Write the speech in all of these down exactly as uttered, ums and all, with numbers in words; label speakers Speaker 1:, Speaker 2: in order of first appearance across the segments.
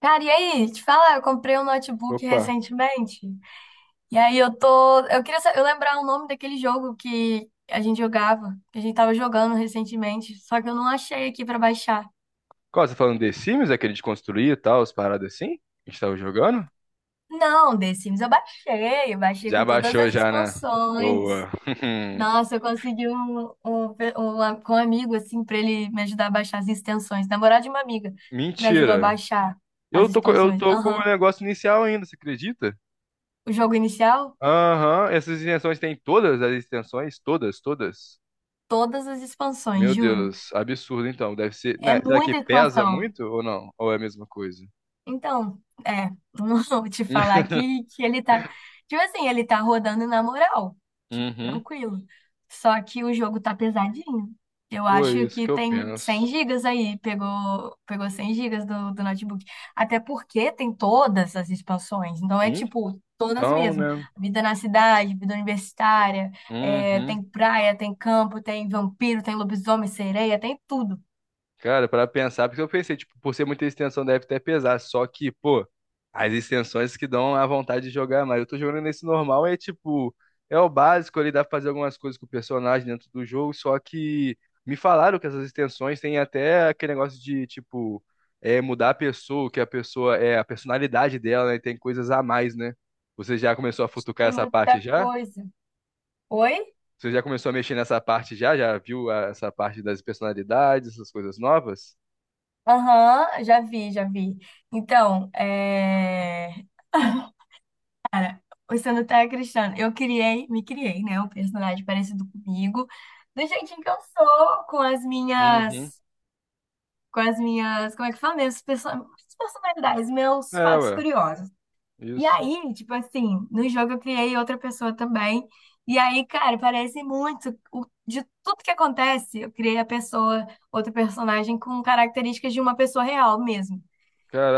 Speaker 1: Cara, e aí? Te falar, eu comprei um notebook
Speaker 2: Opa.
Speaker 1: recentemente. E aí eu tô. Eu queria sa- eu lembrar o nome daquele jogo que a gente jogava, que a gente tava jogando recentemente. Só que eu não achei aqui pra baixar.
Speaker 2: Qual, você tá falando de Sims, aquele de construir e tal, as paradas assim? A gente tava jogando?
Speaker 1: Não, The Sims eu baixei. Eu baixei
Speaker 2: Já
Speaker 1: com todas
Speaker 2: baixou
Speaker 1: as
Speaker 2: já, né?
Speaker 1: expansões.
Speaker 2: Boa.
Speaker 1: Nossa, eu consegui um, um, pe- um a- com um amigo, assim, pra ele me ajudar a baixar as extensões. Namorado de uma amiga me ajudou a
Speaker 2: Mentira.
Speaker 1: baixar as
Speaker 2: Eu tô, co- eu
Speaker 1: expansões.
Speaker 2: tô com o
Speaker 1: Aham.
Speaker 2: negócio inicial ainda, você acredita?
Speaker 1: O jogo inicial,
Speaker 2: Aham, essas extensões tem todas as extensões? Todas, todas?
Speaker 1: todas as expansões,
Speaker 2: Meu
Speaker 1: juro.
Speaker 2: Deus, absurdo então. Deve ser.
Speaker 1: É
Speaker 2: Né, será que
Speaker 1: muita
Speaker 2: pesa
Speaker 1: expansão.
Speaker 2: muito ou não? Ou é a mesma coisa?
Speaker 1: Então, é, não vou te falar que que ele tá, tipo assim, ele tá rodando na moral, tipo,
Speaker 2: Uhum.
Speaker 1: tranquilo. Só que o jogo tá pesadinho. Eu
Speaker 2: Foi
Speaker 1: acho
Speaker 2: isso
Speaker 1: que
Speaker 2: que eu
Speaker 1: tem cem
Speaker 2: penso.
Speaker 1: gigas aí, pegou, pegou cem gigas do, do notebook. Até porque tem todas as expansões, então é tipo, todas
Speaker 2: Então,
Speaker 1: mesmo.
Speaker 2: né?
Speaker 1: Vida na cidade, vida universitária, é,
Speaker 2: Uhum.
Speaker 1: tem praia, tem campo, tem vampiro, tem lobisomem, sereia, tem tudo.
Speaker 2: Cara, para pensar, porque eu pensei, tipo, por ser muita extensão deve até pesar, só que, pô, as extensões que dão a vontade de jogar mais. Eu tô jogando nesse normal, é tipo, é o básico ali, dá pra fazer algumas coisas com o personagem dentro do jogo, só que me falaram que essas extensões têm até aquele negócio de, tipo, é, mudar a pessoa, que a pessoa, é, a personalidade dela, né, tem coisas a mais, né? Você já começou a futucar
Speaker 1: Tem
Speaker 2: essa parte
Speaker 1: muita
Speaker 2: já?
Speaker 1: coisa. Oi?
Speaker 2: Você já começou a mexer nessa parte já? Já viu ah, essa parte das personalidades, essas coisas novas?
Speaker 1: Aham, já vi, já vi. Então, é... O Sanutec Cristiano, eu criei, me criei, né? Um personagem parecido comigo, do jeitinho que eu sou, com as
Speaker 2: Uhum.
Speaker 1: minhas, com as minhas, como é que fala mesmo? Perso- minhas personalidades, meus
Speaker 2: É,
Speaker 1: fatos
Speaker 2: ué.
Speaker 1: curiosos. E
Speaker 2: Isso.
Speaker 1: aí, tipo assim, no jogo eu criei outra pessoa também. E aí, cara, parece muito, o- de tudo que acontece, eu criei a pessoa, outro personagem com características de uma pessoa real mesmo.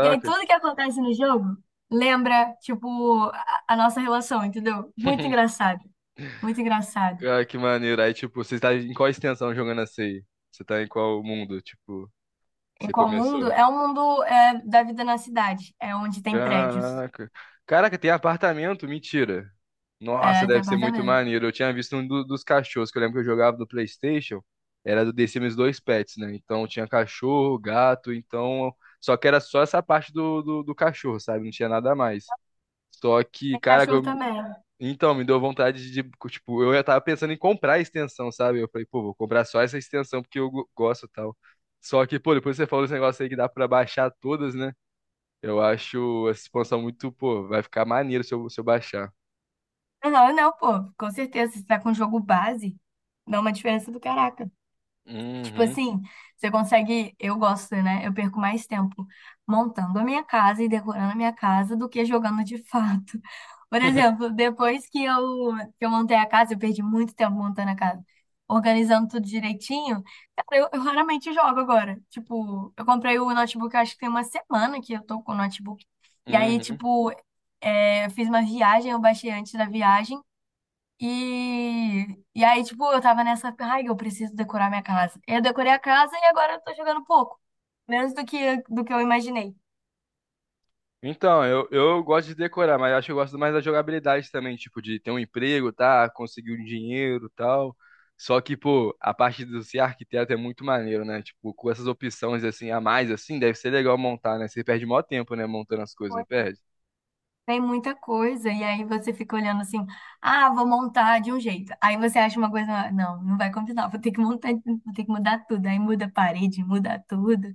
Speaker 1: E aí tudo que acontece no jogo lembra, tipo, a, a nossa relação, entendeu? Muito engraçado. Muito engraçado.
Speaker 2: Cara, que maneiro. Aí, tipo, você tá em qual extensão jogando essa aí? Você tá em qual mundo, tipo, que
Speaker 1: Em
Speaker 2: você
Speaker 1: qual mundo?
Speaker 2: começou?
Speaker 1: É o mundo é, da vida na cidade. É onde tem prédios.
Speaker 2: Caraca. Caraca, tem apartamento? Mentira. Nossa,
Speaker 1: É, tem
Speaker 2: deve ser muito
Speaker 1: apartamento.
Speaker 2: maneiro. Eu tinha visto um do- dos cachorros, que eu lembro que eu jogava do PlayStation. Era do The Sims dois Pets, né? Então tinha cachorro, gato, então. Só que era só essa parte do, do, do cachorro, sabe? Não tinha nada mais. Só que,
Speaker 1: Tem
Speaker 2: cara,
Speaker 1: cachorro também.
Speaker 2: então, me deu vontade de, tipo, eu já tava pensando em comprar a extensão, sabe? Eu falei, pô, vou comprar só essa extensão porque eu go- gosto e tal. Só que, pô, depois você falou esse negócio aí que dá pra baixar todas, né? Eu acho essa expansão muito, pô, vai ficar maneiro se eu, se eu baixar.
Speaker 1: Não, não, não, pô. Com certeza, se tá com jogo base, dá uma diferença do caraca. Tipo
Speaker 2: Uhum.
Speaker 1: assim, você consegue. Eu gosto, né? Eu perco mais tempo montando a minha casa e decorando a minha casa do que jogando de fato. Por exemplo, depois que eu, que eu montei a casa, eu perdi muito tempo montando a casa, organizando tudo direitinho. Cara, eu, eu raramente jogo agora. Tipo, eu comprei o notebook, eu acho que tem uma semana que eu tô com o notebook. E aí,
Speaker 2: Uhum.
Speaker 1: tipo, é, eu fiz uma viagem, eu baixei antes da viagem. E, e aí, tipo, eu tava nessa, ai, eu preciso decorar minha casa. Eu decorei a casa e agora eu tô jogando pouco, menos do que, do que eu imaginei.
Speaker 2: Então, eu, eu gosto de decorar, mas acho que eu gosto mais da jogabilidade também, tipo, de ter um emprego, tá? Conseguir um dinheiro e tal. Só que, pô, a parte do ser arquiteto é muito maneiro, né? Tipo, com essas opções assim a mais, assim, deve ser legal montar, né? Você perde maior tempo, né? Montando as coisas, não
Speaker 1: Pois.
Speaker 2: perde?
Speaker 1: Tem muita coisa, e aí você fica olhando assim, ah, vou montar de um jeito. Aí você acha uma coisa, não, não vai combinar, vou ter que montar, vou ter que mudar tudo. Aí muda a parede, muda tudo.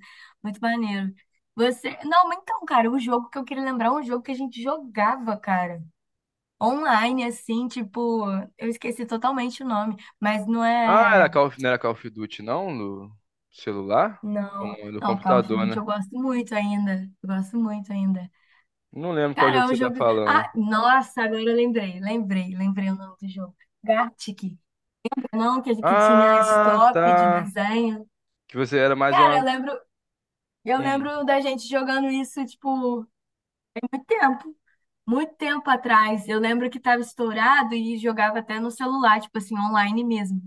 Speaker 1: Muito maneiro. Você, não, mas então, cara, o jogo que eu queria lembrar é um jogo que a gente jogava, cara. Online, assim, tipo, eu esqueci totalmente o nome, mas não
Speaker 2: Ah, era
Speaker 1: é.
Speaker 2: Call of- não era Call of Duty, não? No celular? Ou
Speaker 1: Não,
Speaker 2: não, é do
Speaker 1: não, Call of
Speaker 2: computador,
Speaker 1: Duty
Speaker 2: né?
Speaker 1: eu gosto muito ainda. Eu gosto muito ainda.
Speaker 2: Não lembro qual
Speaker 1: Cara,
Speaker 2: jogo
Speaker 1: é um
Speaker 2: você tá
Speaker 1: jogo.
Speaker 2: falando.
Speaker 1: Ah, nossa, agora eu lembrei, lembrei, lembrei o nome do jogo. Gartic. Não, que que tinha
Speaker 2: Ah,
Speaker 1: stop de
Speaker 2: tá.
Speaker 1: desenho.
Speaker 2: Que você era mais
Speaker 1: Cara,
Speaker 2: uma.
Speaker 1: eu lembro, eu
Speaker 2: Hum,
Speaker 1: lembro da gente jogando isso, tipo, muito tempo. Muito tempo atrás, eu lembro que tava estourado e jogava até no celular, tipo assim, online mesmo.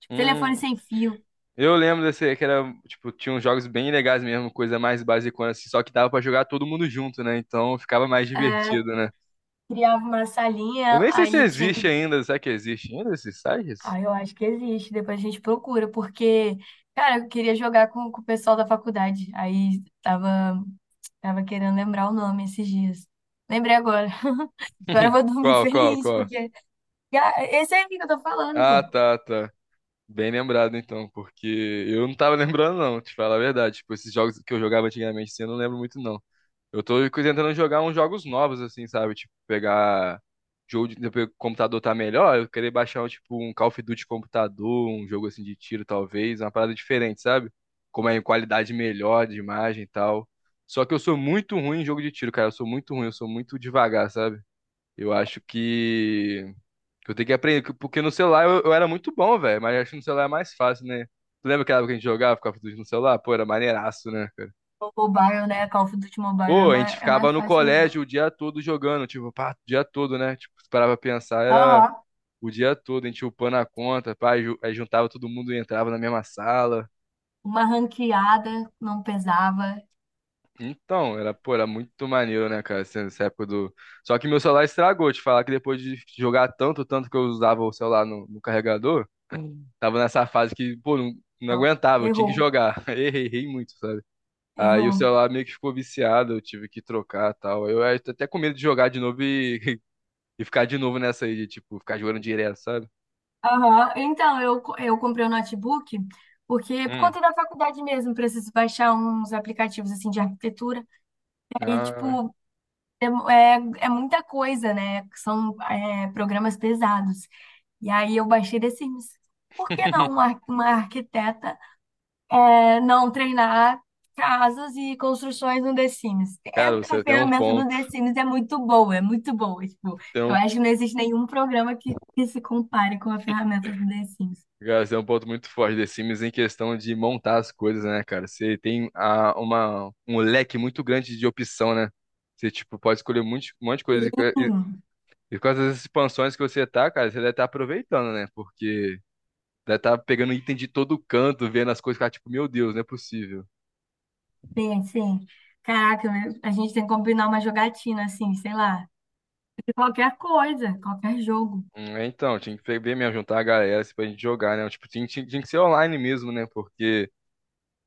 Speaker 1: Tipo, telefone
Speaker 2: hum,
Speaker 1: sem fio.
Speaker 2: Eu lembro desse, que era, tipo, tinha uns jogos bem legais mesmo, coisa mais basicona, assim, só que dava pra jogar todo mundo junto, né? Então ficava mais
Speaker 1: eh,
Speaker 2: divertido, né?
Speaker 1: Criava uma
Speaker 2: Eu
Speaker 1: salinha,
Speaker 2: nem sei se
Speaker 1: aí tinha
Speaker 2: existe
Speaker 1: que.
Speaker 2: ainda, será que existe ainda esses sites?
Speaker 1: Ah, eu acho que existe, depois a gente procura, porque, cara, eu queria jogar com, com o pessoal da faculdade, aí tava, tava querendo lembrar o nome esses dias. Lembrei agora. Agora eu vou dormir
Speaker 2: Qual, qual,
Speaker 1: feliz,
Speaker 2: qual?
Speaker 1: porque ah, esse aí que eu tô falando,
Speaker 2: Ah,
Speaker 1: pô.
Speaker 2: tá, tá. Bem lembrado então, porque eu não tava lembrando não, te falar a verdade. Tipo, esses jogos que eu jogava antigamente, assim, eu não lembro muito não. Eu tô tentando jogar uns jogos novos, assim, sabe? Tipo, pegar jogo de depois que o computador tá melhor, eu querer baixar, tipo, um Call of Duty computador, um jogo assim de tiro, talvez, uma parada diferente, sabe? Como é em qualidade melhor de imagem e tal. Só que eu sou muito ruim em jogo de tiro, cara. Eu sou muito ruim, eu sou muito devagar, sabe? Eu acho que que eu tenho que aprender, que- porque no celular eu, eu era muito bom, velho, mas acho que no celular é mais fácil, né? Tu lembra aquela época que a gente jogava Call of Duty no celular? Pô, era maneiraço, né?
Speaker 1: O mobile, né? Call of Duty Mobile é
Speaker 2: Pô, a gente
Speaker 1: mais, é
Speaker 2: ficava
Speaker 1: mais
Speaker 2: no
Speaker 1: fácil mesmo.
Speaker 2: colégio o dia todo jogando, tipo, pá, o dia todo, né? Tipo, se parava pra pensar, era
Speaker 1: Aham,
Speaker 2: o dia todo, a gente upando a conta, pá, ju- aí juntava todo mundo e entrava na mesma sala.
Speaker 1: uma ranqueada não pesava.
Speaker 2: Então, era, pô, era muito maneiro, né, cara, essa essa época do... Só que meu celular estragou, te falar que depois de jogar tanto, tanto que eu usava o celular no, no carregador, tava nessa fase que, pô, não, não
Speaker 1: Não,
Speaker 2: aguentava, eu tinha que
Speaker 1: errou,
Speaker 2: jogar. Errei, errei muito, sabe? Aí o
Speaker 1: errou.
Speaker 2: celular meio que ficou viciado, eu tive que trocar e tal. Eu eu tô até com medo de jogar de novo e E ficar de novo nessa aí de, tipo, ficar jogando direto, sabe?
Speaker 1: Aham. Então, eu, co- eu comprei um notebook porque, por
Speaker 2: Hum.
Speaker 1: conta da faculdade mesmo, preciso baixar uns aplicativos, assim, de arquitetura. Aí,
Speaker 2: Ah,
Speaker 1: tipo, é, mu- é, é muita coisa, né? São, é, programas pesados. E aí, eu baixei The Sims. Por que não uma, ar- uma arquiteta, é, não treinar casas e construções no The Sims? É,
Speaker 2: cara,
Speaker 1: a
Speaker 2: você tem um
Speaker 1: ferramenta do
Speaker 2: ponto.
Speaker 1: The Sims é muito boa, é muito boa. Tipo,
Speaker 2: Tem
Speaker 1: eu
Speaker 2: um,
Speaker 1: acho que não existe nenhum programa que, que se compare com a ferramenta do The Sims.
Speaker 2: cara, você tem um ponto muito forte The Sims em questão de montar as coisas, né, cara? Você tem a, uma, um leque muito grande de opção, né? Você, tipo, pode escolher muito, um monte de coisa. E, e com essas expansões que você tá, cara, você deve estar aproveitando, né? Porque deve estar pegando item de todo canto, vendo as coisas, cara, tipo, meu Deus, não é possível.
Speaker 1: Sim, sim. Caraca, eu- a gente tem que combinar uma jogatina, assim, sei lá, de qualquer coisa, qualquer jogo.
Speaker 2: Hum, é, então, tinha que ver mesmo, juntar a galera assim, pra gente jogar, né? Tipo, tinha, tinha, tinha que ser online mesmo, né? Porque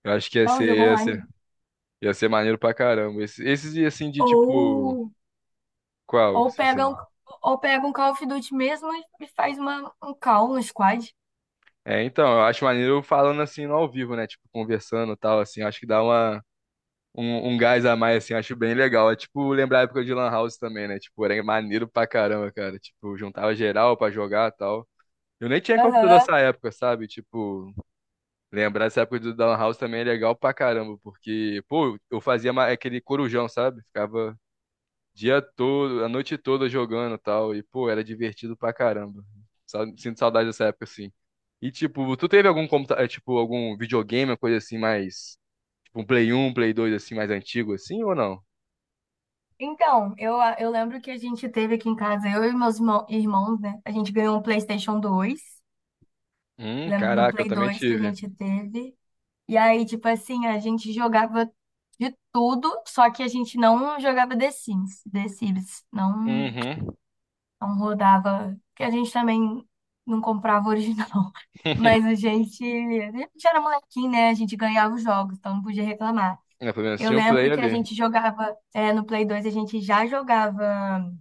Speaker 2: eu acho que ia
Speaker 1: É um
Speaker 2: ser,
Speaker 1: jogo
Speaker 2: ia ser,
Speaker 1: online.
Speaker 2: ia ser maneiro pra caramba. Esse- Esses, e assim de tipo.
Speaker 1: Ou,
Speaker 2: Qual?
Speaker 1: ou
Speaker 2: Você
Speaker 1: pega
Speaker 2: assim?
Speaker 1: um, ou pega um Call of Duty mesmo e e faz uma, um call, um squad.
Speaker 2: É, então, eu acho maneiro falando assim no ao vivo, né? Tipo, conversando e tal, assim. Acho que dá uma, um, um gás a mais, assim. Acho bem legal. É tipo lembrar a época de Lan House também, né? Tipo, era maneiro pra caramba, cara. Tipo, juntava geral pra jogar e tal. Eu nem tinha computador
Speaker 1: Aham.
Speaker 2: nessa época, sabe? Tipo, lembrar essa época do Down House também é legal pra caramba, porque, pô, eu fazia ma- aquele corujão, sabe? Ficava dia todo, a noite toda jogando e tal, e, pô, era divertido pra caramba. Sa- Sinto saudade dessa época, assim. E, tipo, tu teve algum computador, tipo, algum videogame, uma coisa assim, mais, tipo, um Play um Play dois assim, mais antigo, assim, ou não?
Speaker 1: Então, eu, eu lembro que a gente teve aqui em casa, eu e meus irmão- irmãos, né? A gente ganhou um PlayStation dois.
Speaker 2: Hum,
Speaker 1: Lembro do
Speaker 2: caraca, eu
Speaker 1: Play
Speaker 2: também
Speaker 1: dois que a
Speaker 2: tive.
Speaker 1: gente teve. E aí, tipo assim, a gente jogava de tudo, só que a gente não jogava The Sims, The Sims, não,
Speaker 2: Uhum.
Speaker 1: não rodava, porque a gente também não comprava original. Mas a gente, a gente era molequinho, né? A gente ganhava os jogos, então não podia reclamar.
Speaker 2: É, pelo menos
Speaker 1: Eu
Speaker 2: tinha um Play
Speaker 1: lembro que a
Speaker 2: ali.
Speaker 1: gente jogava, é, no Play dois, a gente já jogava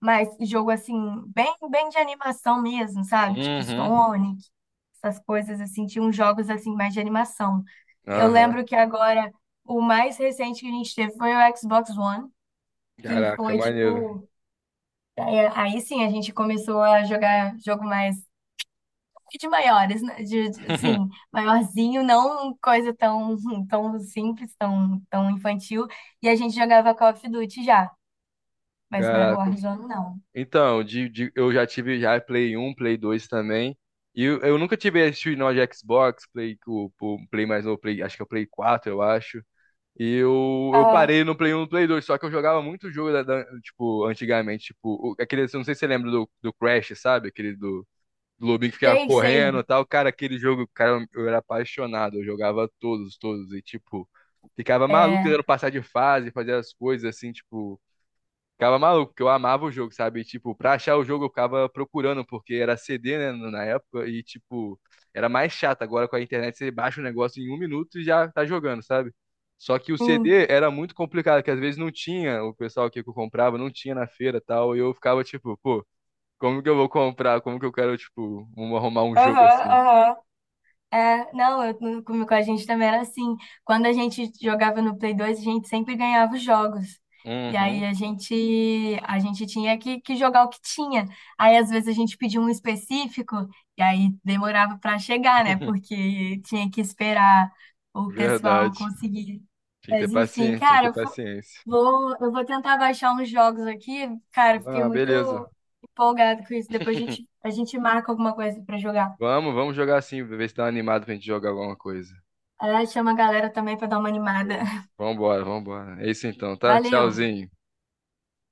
Speaker 1: mas jogo assim, bem, bem de animação mesmo, sabe? Tipo
Speaker 2: Uhum.
Speaker 1: Sonic, essas coisas assim, tinha uns jogos assim mais de animação. Eu
Speaker 2: Aham.
Speaker 1: lembro que agora o mais recente que a gente teve foi o Xbox One, que
Speaker 2: Caraca,
Speaker 1: foi
Speaker 2: maneiro.
Speaker 1: tipo, é, aí, sim a gente começou a jogar jogo mais de maiores, né? De, de- assim, maiorzinho, não coisa tão, tão simples, tão, tão infantil. E a gente jogava Call of Duty já, mas não era o
Speaker 2: Caraca.
Speaker 1: Warzone, não.
Speaker 2: Então, de, de- eu já tive já Play um Play dois também. E eu, eu nunca tive esse nó de Xbox, Play, o, o Play mais novo, Play, acho que é o Play quatro eu acho. E eu, eu
Speaker 1: Ah,
Speaker 2: parei no Play um e no Play dois só que eu jogava muito jogo da, da- tipo, antigamente, tipo, o- aquele, não sei se você lembra do, do Crash, sabe? Aquele do, do lobinho que ficava
Speaker 1: sei, sei.
Speaker 2: correndo e tal. Cara, aquele jogo, cara, eu era apaixonado, eu jogava todos, todos, e tipo, ficava maluco tentando
Speaker 1: É,
Speaker 2: passar de fase, fazer as coisas assim, tipo. Ficava maluco, porque eu amava o jogo, sabe? E, tipo, pra achar o jogo eu ficava procurando, porque era C D, né, na época, e, tipo, era mais chato. Agora com a internet você baixa o negócio em um minuto e já tá jogando, sabe? Só que o
Speaker 1: sim.
Speaker 2: C D era muito complicado, que às vezes não tinha, o pessoal aqui que eu comprava não tinha na feira e tal, e eu ficava tipo, pô, como que eu vou comprar? Como que eu quero, tipo, um- arrumar um
Speaker 1: Aham,
Speaker 2: jogo assim?
Speaker 1: aham. É, não, eu, no- com, com a gente também era assim. Quando a gente jogava no Play dois, a gente sempre ganhava os jogos. E aí
Speaker 2: Uhum.
Speaker 1: a gente, a gente tinha que, que jogar o que tinha. Aí às vezes a gente pedia um específico e aí demorava para chegar, né? Porque tinha que esperar o pessoal
Speaker 2: Verdade.
Speaker 1: conseguir.
Speaker 2: Tinha que ter
Speaker 1: Mas enfim,
Speaker 2: paciência, tinha que
Speaker 1: cara,
Speaker 2: ter
Speaker 1: eu fo-
Speaker 2: paciência.
Speaker 1: vou, eu vou tentar baixar uns jogos aqui. Cara, eu fiquei
Speaker 2: Ah,
Speaker 1: muito
Speaker 2: beleza.
Speaker 1: empolgada com isso. Depois a gente, a gente marca alguma coisa para jogar.
Speaker 2: Vamos, vamos jogar assim, ver se tá animado pra gente jogar alguma coisa.
Speaker 1: Ah, chama a galera também pra dar uma animada.
Speaker 2: Show. Vambora, vambora. É isso então, tá?
Speaker 1: Valeu!
Speaker 2: Tchauzinho.